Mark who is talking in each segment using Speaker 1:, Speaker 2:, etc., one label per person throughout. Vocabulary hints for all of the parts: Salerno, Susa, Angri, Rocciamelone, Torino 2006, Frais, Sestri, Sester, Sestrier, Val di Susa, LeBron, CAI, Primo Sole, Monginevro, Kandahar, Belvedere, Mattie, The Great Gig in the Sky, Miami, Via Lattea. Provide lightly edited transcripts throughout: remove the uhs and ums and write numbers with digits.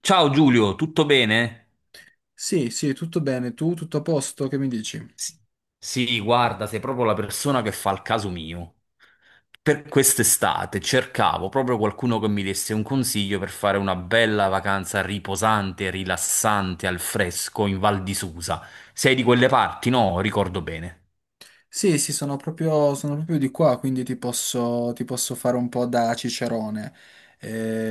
Speaker 1: Ciao Giulio, tutto bene?
Speaker 2: Sì, sì, tutto bene. Tu, tutto a posto? Che mi dici?
Speaker 1: S- Sì, guarda, sei proprio la persona che fa il caso mio. Per quest'estate cercavo proprio qualcuno che mi desse un consiglio per fare una bella vacanza riposante, rilassante, al fresco in Val di Susa. Sei di quelle parti, no? Ricordo bene.
Speaker 2: Sì, sì, sono proprio di qua, quindi ti posso fare un po' da cicerone.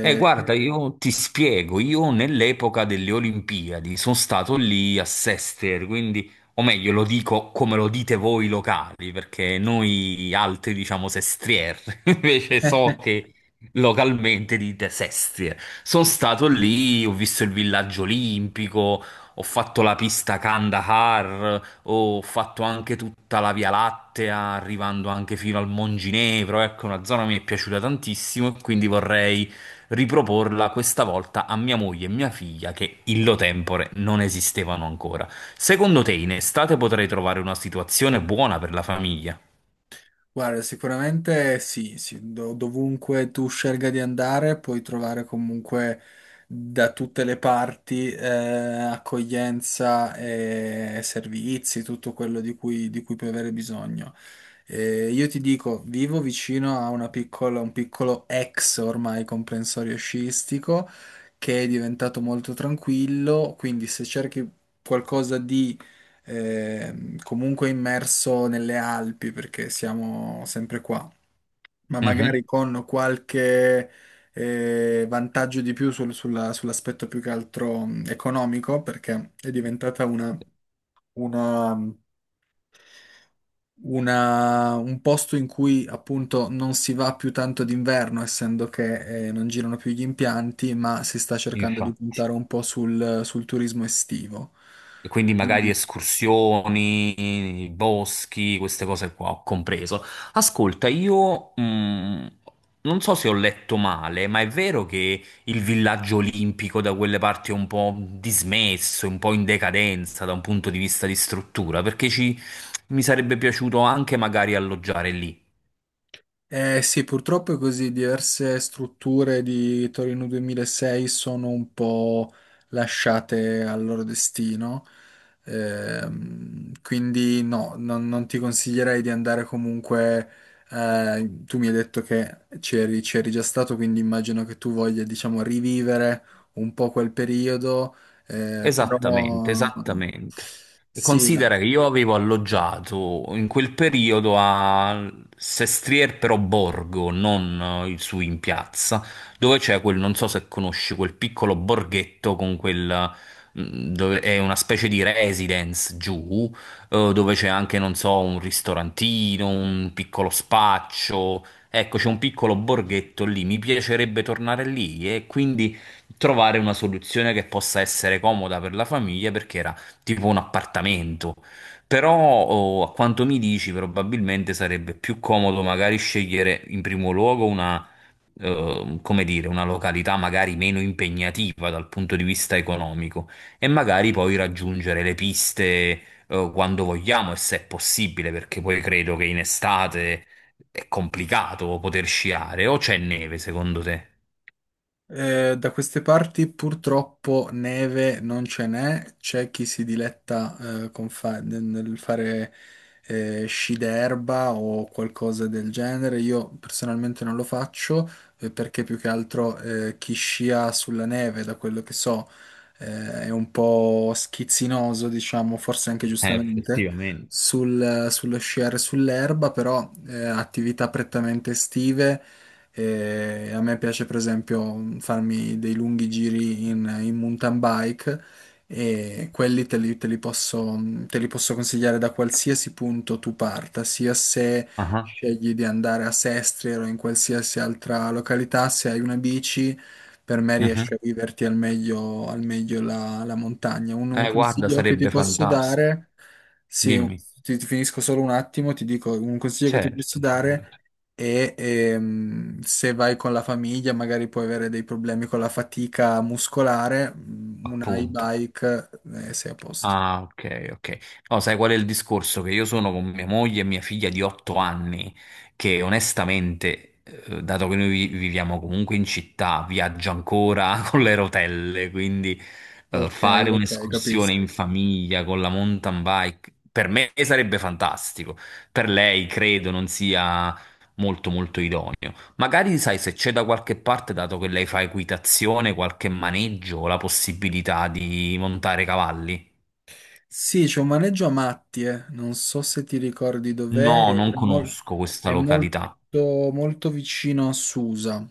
Speaker 1: Guarda, io ti spiego, io nell'epoca delle Olimpiadi sono stato lì a Sester, quindi, o meglio, lo dico come lo dite voi locali, perché noi altri diciamo Sestrier, invece so che localmente dite Sestrier. Sono stato lì, ho visto il villaggio olimpico, ho fatto la pista Kandahar, ho fatto anche tutta la Via Lattea, arrivando anche fino al Monginevro, ecco, una zona che mi è piaciuta tantissimo e quindi vorrei riproporla questa volta a mia moglie e mia figlia che illo tempore non esistevano ancora. Secondo te in estate potrei trovare una situazione buona per la famiglia?
Speaker 2: Guarda, sicuramente sì, sì, dovunque tu scelga di andare puoi trovare comunque da tutte le parti accoglienza e servizi, tutto quello di cui puoi avere bisogno. Io ti dico, vivo vicino a un piccolo ex ormai comprensorio sciistico che è diventato molto tranquillo, quindi se cerchi qualcosa di comunque immerso nelle Alpi perché siamo sempre qua, ma
Speaker 1: Mhm.
Speaker 2: magari con qualche vantaggio di più sull'aspetto più che altro economico perché è diventata una- un posto in cui appunto non si va più tanto d'inverno, essendo che non girano più gli impianti, ma si sta cercando di
Speaker 1: Infatti.
Speaker 2: puntare un po' sul turismo estivo.
Speaker 1: E quindi magari escursioni, boschi, queste cose qua ho compreso. Ascolta, io non so se ho letto male, ma è vero che il villaggio olimpico da quelle parti è un po' dismesso, un po' in decadenza da un punto di vista di struttura, perché ci, mi sarebbe piaciuto anche magari alloggiare lì.
Speaker 2: Eh sì, purtroppo è così, diverse strutture di Torino 2006 sono un po' lasciate al loro destino. Quindi no, non ti consiglierei di andare comunque. Eh, tu mi hai detto che c'eri già stato, quindi immagino che tu voglia, diciamo, rivivere un po' quel periodo, però
Speaker 1: Esattamente, esattamente. E
Speaker 2: sì.
Speaker 1: considera che io avevo alloggiato in quel periodo a Sestrier però Borgo, non su in piazza, dove c'è quel, non so se conosci, quel piccolo borghetto con quel, dove è una specie di residence giù, dove c'è anche, non so, un ristorantino, un piccolo spaccio. Ecco, c'è un piccolo borghetto lì, mi piacerebbe tornare lì e quindi trovare una soluzione che possa essere comoda per la famiglia perché era tipo un appartamento. Però, oh, a quanto mi dici, probabilmente sarebbe più comodo magari scegliere in primo luogo una, come dire, una località magari meno impegnativa dal punto di vista economico e magari poi raggiungere le piste, quando vogliamo e se è possibile, perché poi credo che in estate è complicato poter sciare o c'è neve, secondo te?
Speaker 2: Da queste parti purtroppo neve non ce n'è, c'è chi si diletta nel fare sci d'erba o qualcosa del genere. Io personalmente non lo faccio perché più che altro chi scia sulla neve, da quello che so, è un po' schizzinoso, diciamo, forse anche giustamente.
Speaker 1: Effettivamente.
Speaker 2: Sullo sciare sull'erba, però attività prettamente estive e a me piace per esempio farmi dei lunghi giri in mountain bike e quelli te li posso consigliare da qualsiasi punto tu parta, sia se
Speaker 1: Ah,
Speaker 2: scegli di andare a Sestri o in qualsiasi altra località, se hai una bici, per me
Speaker 1: mhm.
Speaker 2: riesci a viverti al meglio la montagna. Un
Speaker 1: Guarda,
Speaker 2: consiglio che ti
Speaker 1: sarebbe
Speaker 2: posso
Speaker 1: fantastico.
Speaker 2: dare, sì,
Speaker 1: Dimmi,
Speaker 2: ti finisco solo un attimo, ti dico un consiglio che ti posso
Speaker 1: certo,
Speaker 2: dare
Speaker 1: figurati.
Speaker 2: e se vai con la famiglia magari puoi avere dei problemi con la fatica muscolare, mm, una
Speaker 1: Appunto.
Speaker 2: e-bike sei a posto.
Speaker 1: Ah, ok, ok. No, sai qual è il discorso? Che io sono con mia moglie e mia figlia di 8 anni, che onestamente, dato che noi viviamo comunque in città, viaggia ancora con le rotelle, quindi
Speaker 2: Ok,
Speaker 1: fare
Speaker 2: ok,
Speaker 1: un'escursione
Speaker 2: capisco.
Speaker 1: in famiglia con la mountain bike per me sarebbe fantastico. Per lei credo non sia molto molto idoneo. Magari sai se c'è da qualche parte, dato che lei fa equitazione, qualche maneggio, la possibilità di montare cavalli.
Speaker 2: Sì, c'è un maneggio a Mattie, non so se ti ricordi dov'è,
Speaker 1: No,
Speaker 2: è,
Speaker 1: non conosco questa
Speaker 2: è
Speaker 1: località.
Speaker 2: molto, molto vicino a Susa.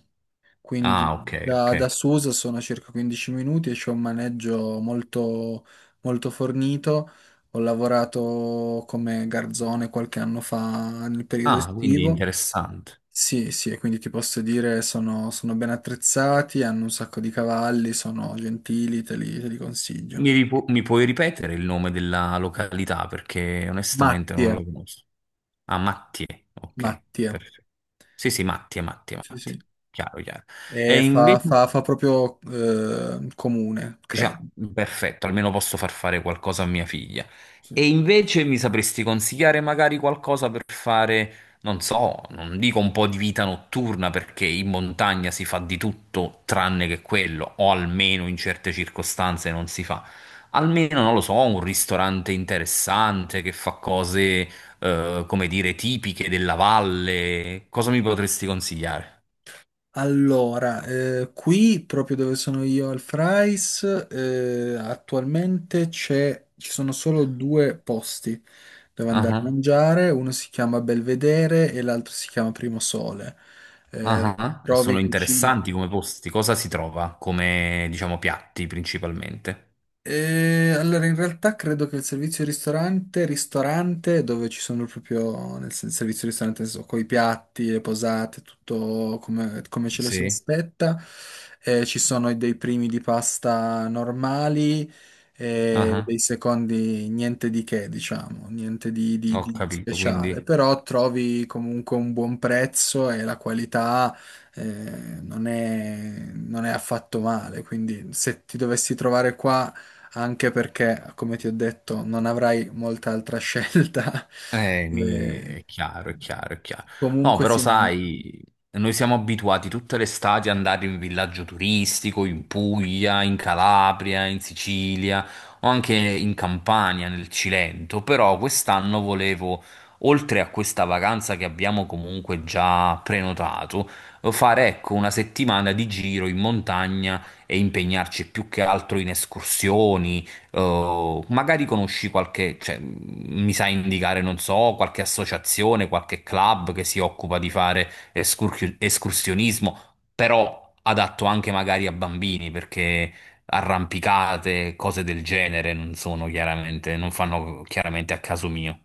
Speaker 2: Quindi
Speaker 1: Ah, ok, ok.
Speaker 2: da Susa sono a circa 15 minuti e c'è un maneggio molto, molto fornito. Ho lavorato come garzone qualche anno fa nel periodo
Speaker 1: Ah, quindi
Speaker 2: estivo.
Speaker 1: interessante.
Speaker 2: Sì, sì, e quindi ti posso dire sono, sono ben attrezzati, hanno un sacco di cavalli, sono gentili, te li consiglio.
Speaker 1: Mi puoi ripetere il nome della località perché onestamente non
Speaker 2: Mattie,
Speaker 1: la conosco. Ah, Mattie, ok,
Speaker 2: Mattie,
Speaker 1: perfetto. Sì, sì, Mattie, Mattie,
Speaker 2: sì, sì.
Speaker 1: Mattie. Chiaro, chiaro. E
Speaker 2: E
Speaker 1: invece...
Speaker 2: fa proprio comune,
Speaker 1: Dice, "Ah,
Speaker 2: credo.
Speaker 1: perfetto, almeno posso far fare qualcosa a mia figlia.
Speaker 2: Sì.
Speaker 1: E invece mi sapresti consigliare magari qualcosa per fare, non so, non dico un po' di vita notturna, perché in montagna si fa di tutto tranne che quello, o almeno in certe circostanze non si fa. Almeno, non lo so, un ristorante interessante che fa cose, come dire, tipiche della valle. Cosa mi potresti consigliare?
Speaker 2: Allora, qui proprio dove sono io al Frais, attualmente ci sono solo due posti dove andare a
Speaker 1: Ah.
Speaker 2: mangiare, uno si chiama Belvedere e l'altro si chiama Primo Sole.
Speaker 1: Ah,
Speaker 2: Eh,
Speaker 1: ah. Sono
Speaker 2: trovi cucine.
Speaker 1: interessanti come posti. Cosa si trova come, diciamo, piatti principalmente?
Speaker 2: E allora, in realtà credo che il servizio ristorante dove ci sono proprio servizio ristorante, con i piatti, le posate, tutto come, come ce lo si
Speaker 1: Sì.
Speaker 2: aspetta, ci sono dei primi di pasta normali
Speaker 1: Ah,
Speaker 2: e
Speaker 1: ah.
Speaker 2: dei secondi niente di che, diciamo, niente
Speaker 1: Ho
Speaker 2: di
Speaker 1: capito, quindi
Speaker 2: speciale, però trovi comunque un buon prezzo e la qualità eh, non è affatto male, quindi se ti dovessi trovare qua anche perché, come ti ho detto, non avrai molta altra scelta. Eh,
Speaker 1: È chiaro, è chiaro, è chiaro. No,
Speaker 2: comunque
Speaker 1: però
Speaker 2: sì,
Speaker 1: sai, noi siamo abituati tutte le estati ad andare in villaggio turistico, in Puglia, in Calabria, in Sicilia o anche in Campania, nel Cilento, però quest'anno volevo, oltre a questa vacanza che abbiamo comunque già prenotato, fare ecco una settimana di giro in montagna e impegnarci più che altro in escursioni. Oh, magari conosci qualche, cioè, mi sai indicare, non so, qualche associazione, qualche club che si occupa di fare escursionismo, però adatto anche magari a bambini, perché arrampicate, cose del genere non sono chiaramente, non fanno chiaramente a caso mio.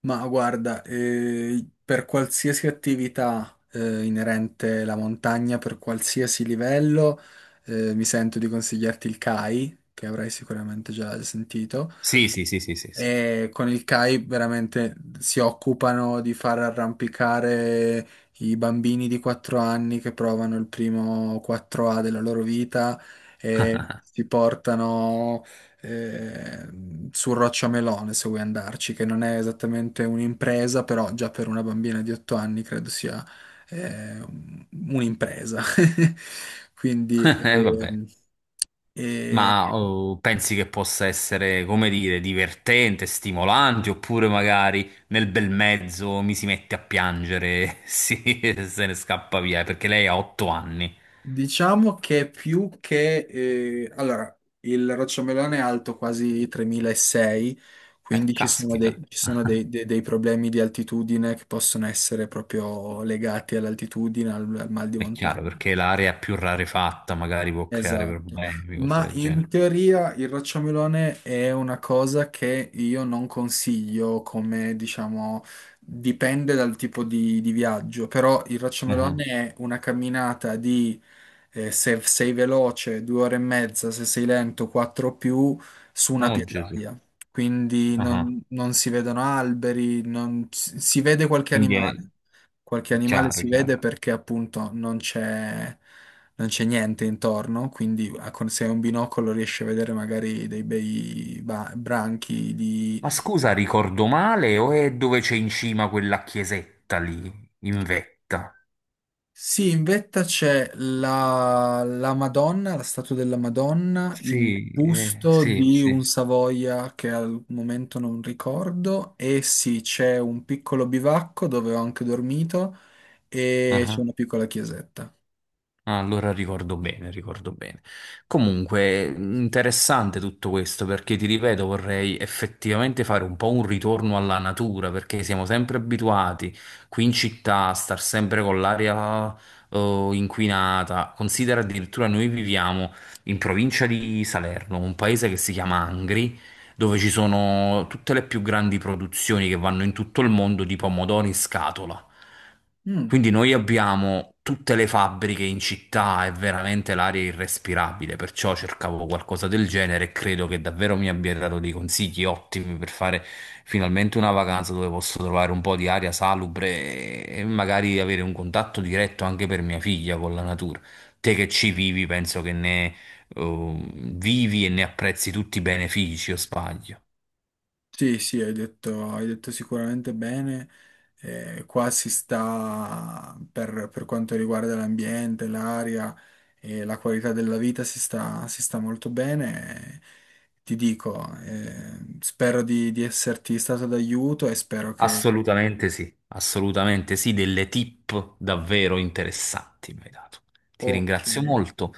Speaker 2: ma guarda, per qualsiasi attività inerente alla montagna, per qualsiasi livello, mi sento di consigliarti il CAI, che avrai sicuramente già sentito.
Speaker 1: Sì, sì, sì, sì, sì, sì.
Speaker 2: E con il CAI veramente si occupano di far arrampicare i bambini di 4 anni che provano il primo 4A della loro vita. Mm. E si portano su Rocciamelone se vuoi andarci, che non è esattamente un'impresa, però già per una bambina di 8 anni credo sia eh, un- un'impresa. Quindi
Speaker 1: Vabbè.
Speaker 2: ehm, eh,
Speaker 1: Ma oh, pensi che possa essere, come dire, divertente, stimolante, oppure magari nel bel mezzo mi si mette a piangere, sì, e se ne scappa via, perché lei ha 8 anni.
Speaker 2: diciamo che più che... allora, il rocciamelone è alto quasi 3600, quindi
Speaker 1: Caspita.
Speaker 2: ci sono
Speaker 1: Ah,
Speaker 2: dei problemi di altitudine che possono essere proprio legati all'altitudine, al mal di
Speaker 1: è chiaro,
Speaker 2: montagna.
Speaker 1: perché l'area più rarefatta magari può creare
Speaker 2: Esatto,
Speaker 1: problemi, cose
Speaker 2: ma
Speaker 1: del
Speaker 2: in
Speaker 1: genere.
Speaker 2: teoria il rocciamelone è una cosa che io non consiglio come, diciamo, dipende dal tipo di viaggio, però il rocciamelone
Speaker 1: Ah,
Speaker 2: è una camminata di, se sei veloce, due ore e mezza, se sei lento, quattro o più, su una
Speaker 1: oh, Gesù.
Speaker 2: pietraia. Quindi
Speaker 1: Ah,
Speaker 2: non si vedono alberi, non, si vede
Speaker 1: quindi è
Speaker 2: qualche animale
Speaker 1: chiaro,
Speaker 2: si
Speaker 1: chiaro.
Speaker 2: vede perché appunto non c'è niente intorno, quindi se hai un binocolo riesci a vedere magari dei bei branchi di...
Speaker 1: Ma scusa, ricordo male o è dove c'è in cima quella chiesetta lì, in vetta?
Speaker 2: Sì, in vetta c'è la Madonna, la statua della Madonna, il
Speaker 1: Sì,
Speaker 2: busto
Speaker 1: sì,
Speaker 2: di un
Speaker 1: sì.
Speaker 2: Savoia che al momento non ricordo e sì, c'è un piccolo bivacco dove ho anche dormito e c'è
Speaker 1: Ah,
Speaker 2: una piccola chiesetta.
Speaker 1: ah, allora ricordo bene, ricordo bene. Comunque, interessante tutto questo perché ti ripeto, vorrei effettivamente fare un po' un ritorno alla natura perché siamo sempre abituati qui in città a star sempre con l'aria inquinata. Considera addirittura noi viviamo in provincia di Salerno, un paese che si chiama Angri dove ci sono tutte le più grandi produzioni che vanno in tutto il mondo di pomodori in scatola.
Speaker 2: Mm.
Speaker 1: Quindi noi abbiamo tutte le fabbriche in città, è veramente l'aria irrespirabile, perciò cercavo qualcosa del genere e credo che davvero mi abbia dato dei consigli ottimi per fare finalmente una vacanza dove posso trovare un po' di aria salubre e magari avere un contatto diretto anche per mia figlia con la natura. Te che ci vivi, penso che ne vivi e ne apprezzi tutti i benefici, o sbaglio?
Speaker 2: Sì, sì, hai detto sicuramente bene. Qua si sta, per quanto riguarda l'ambiente, l'aria e la qualità della vita, si sta molto bene. Ti dico, spero di esserti stato d'aiuto e spero che...
Speaker 1: Assolutamente sì, delle tip davvero interessanti mi hai dato. Ti
Speaker 2: Ok,
Speaker 1: ringrazio molto.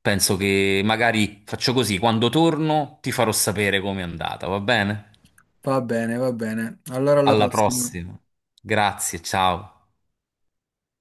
Speaker 1: Penso che magari faccio così, quando torno ti farò sapere com'è andata, va bene?
Speaker 2: va bene, va bene. Allora alla
Speaker 1: Alla
Speaker 2: prossima.
Speaker 1: prossima. Grazie, ciao.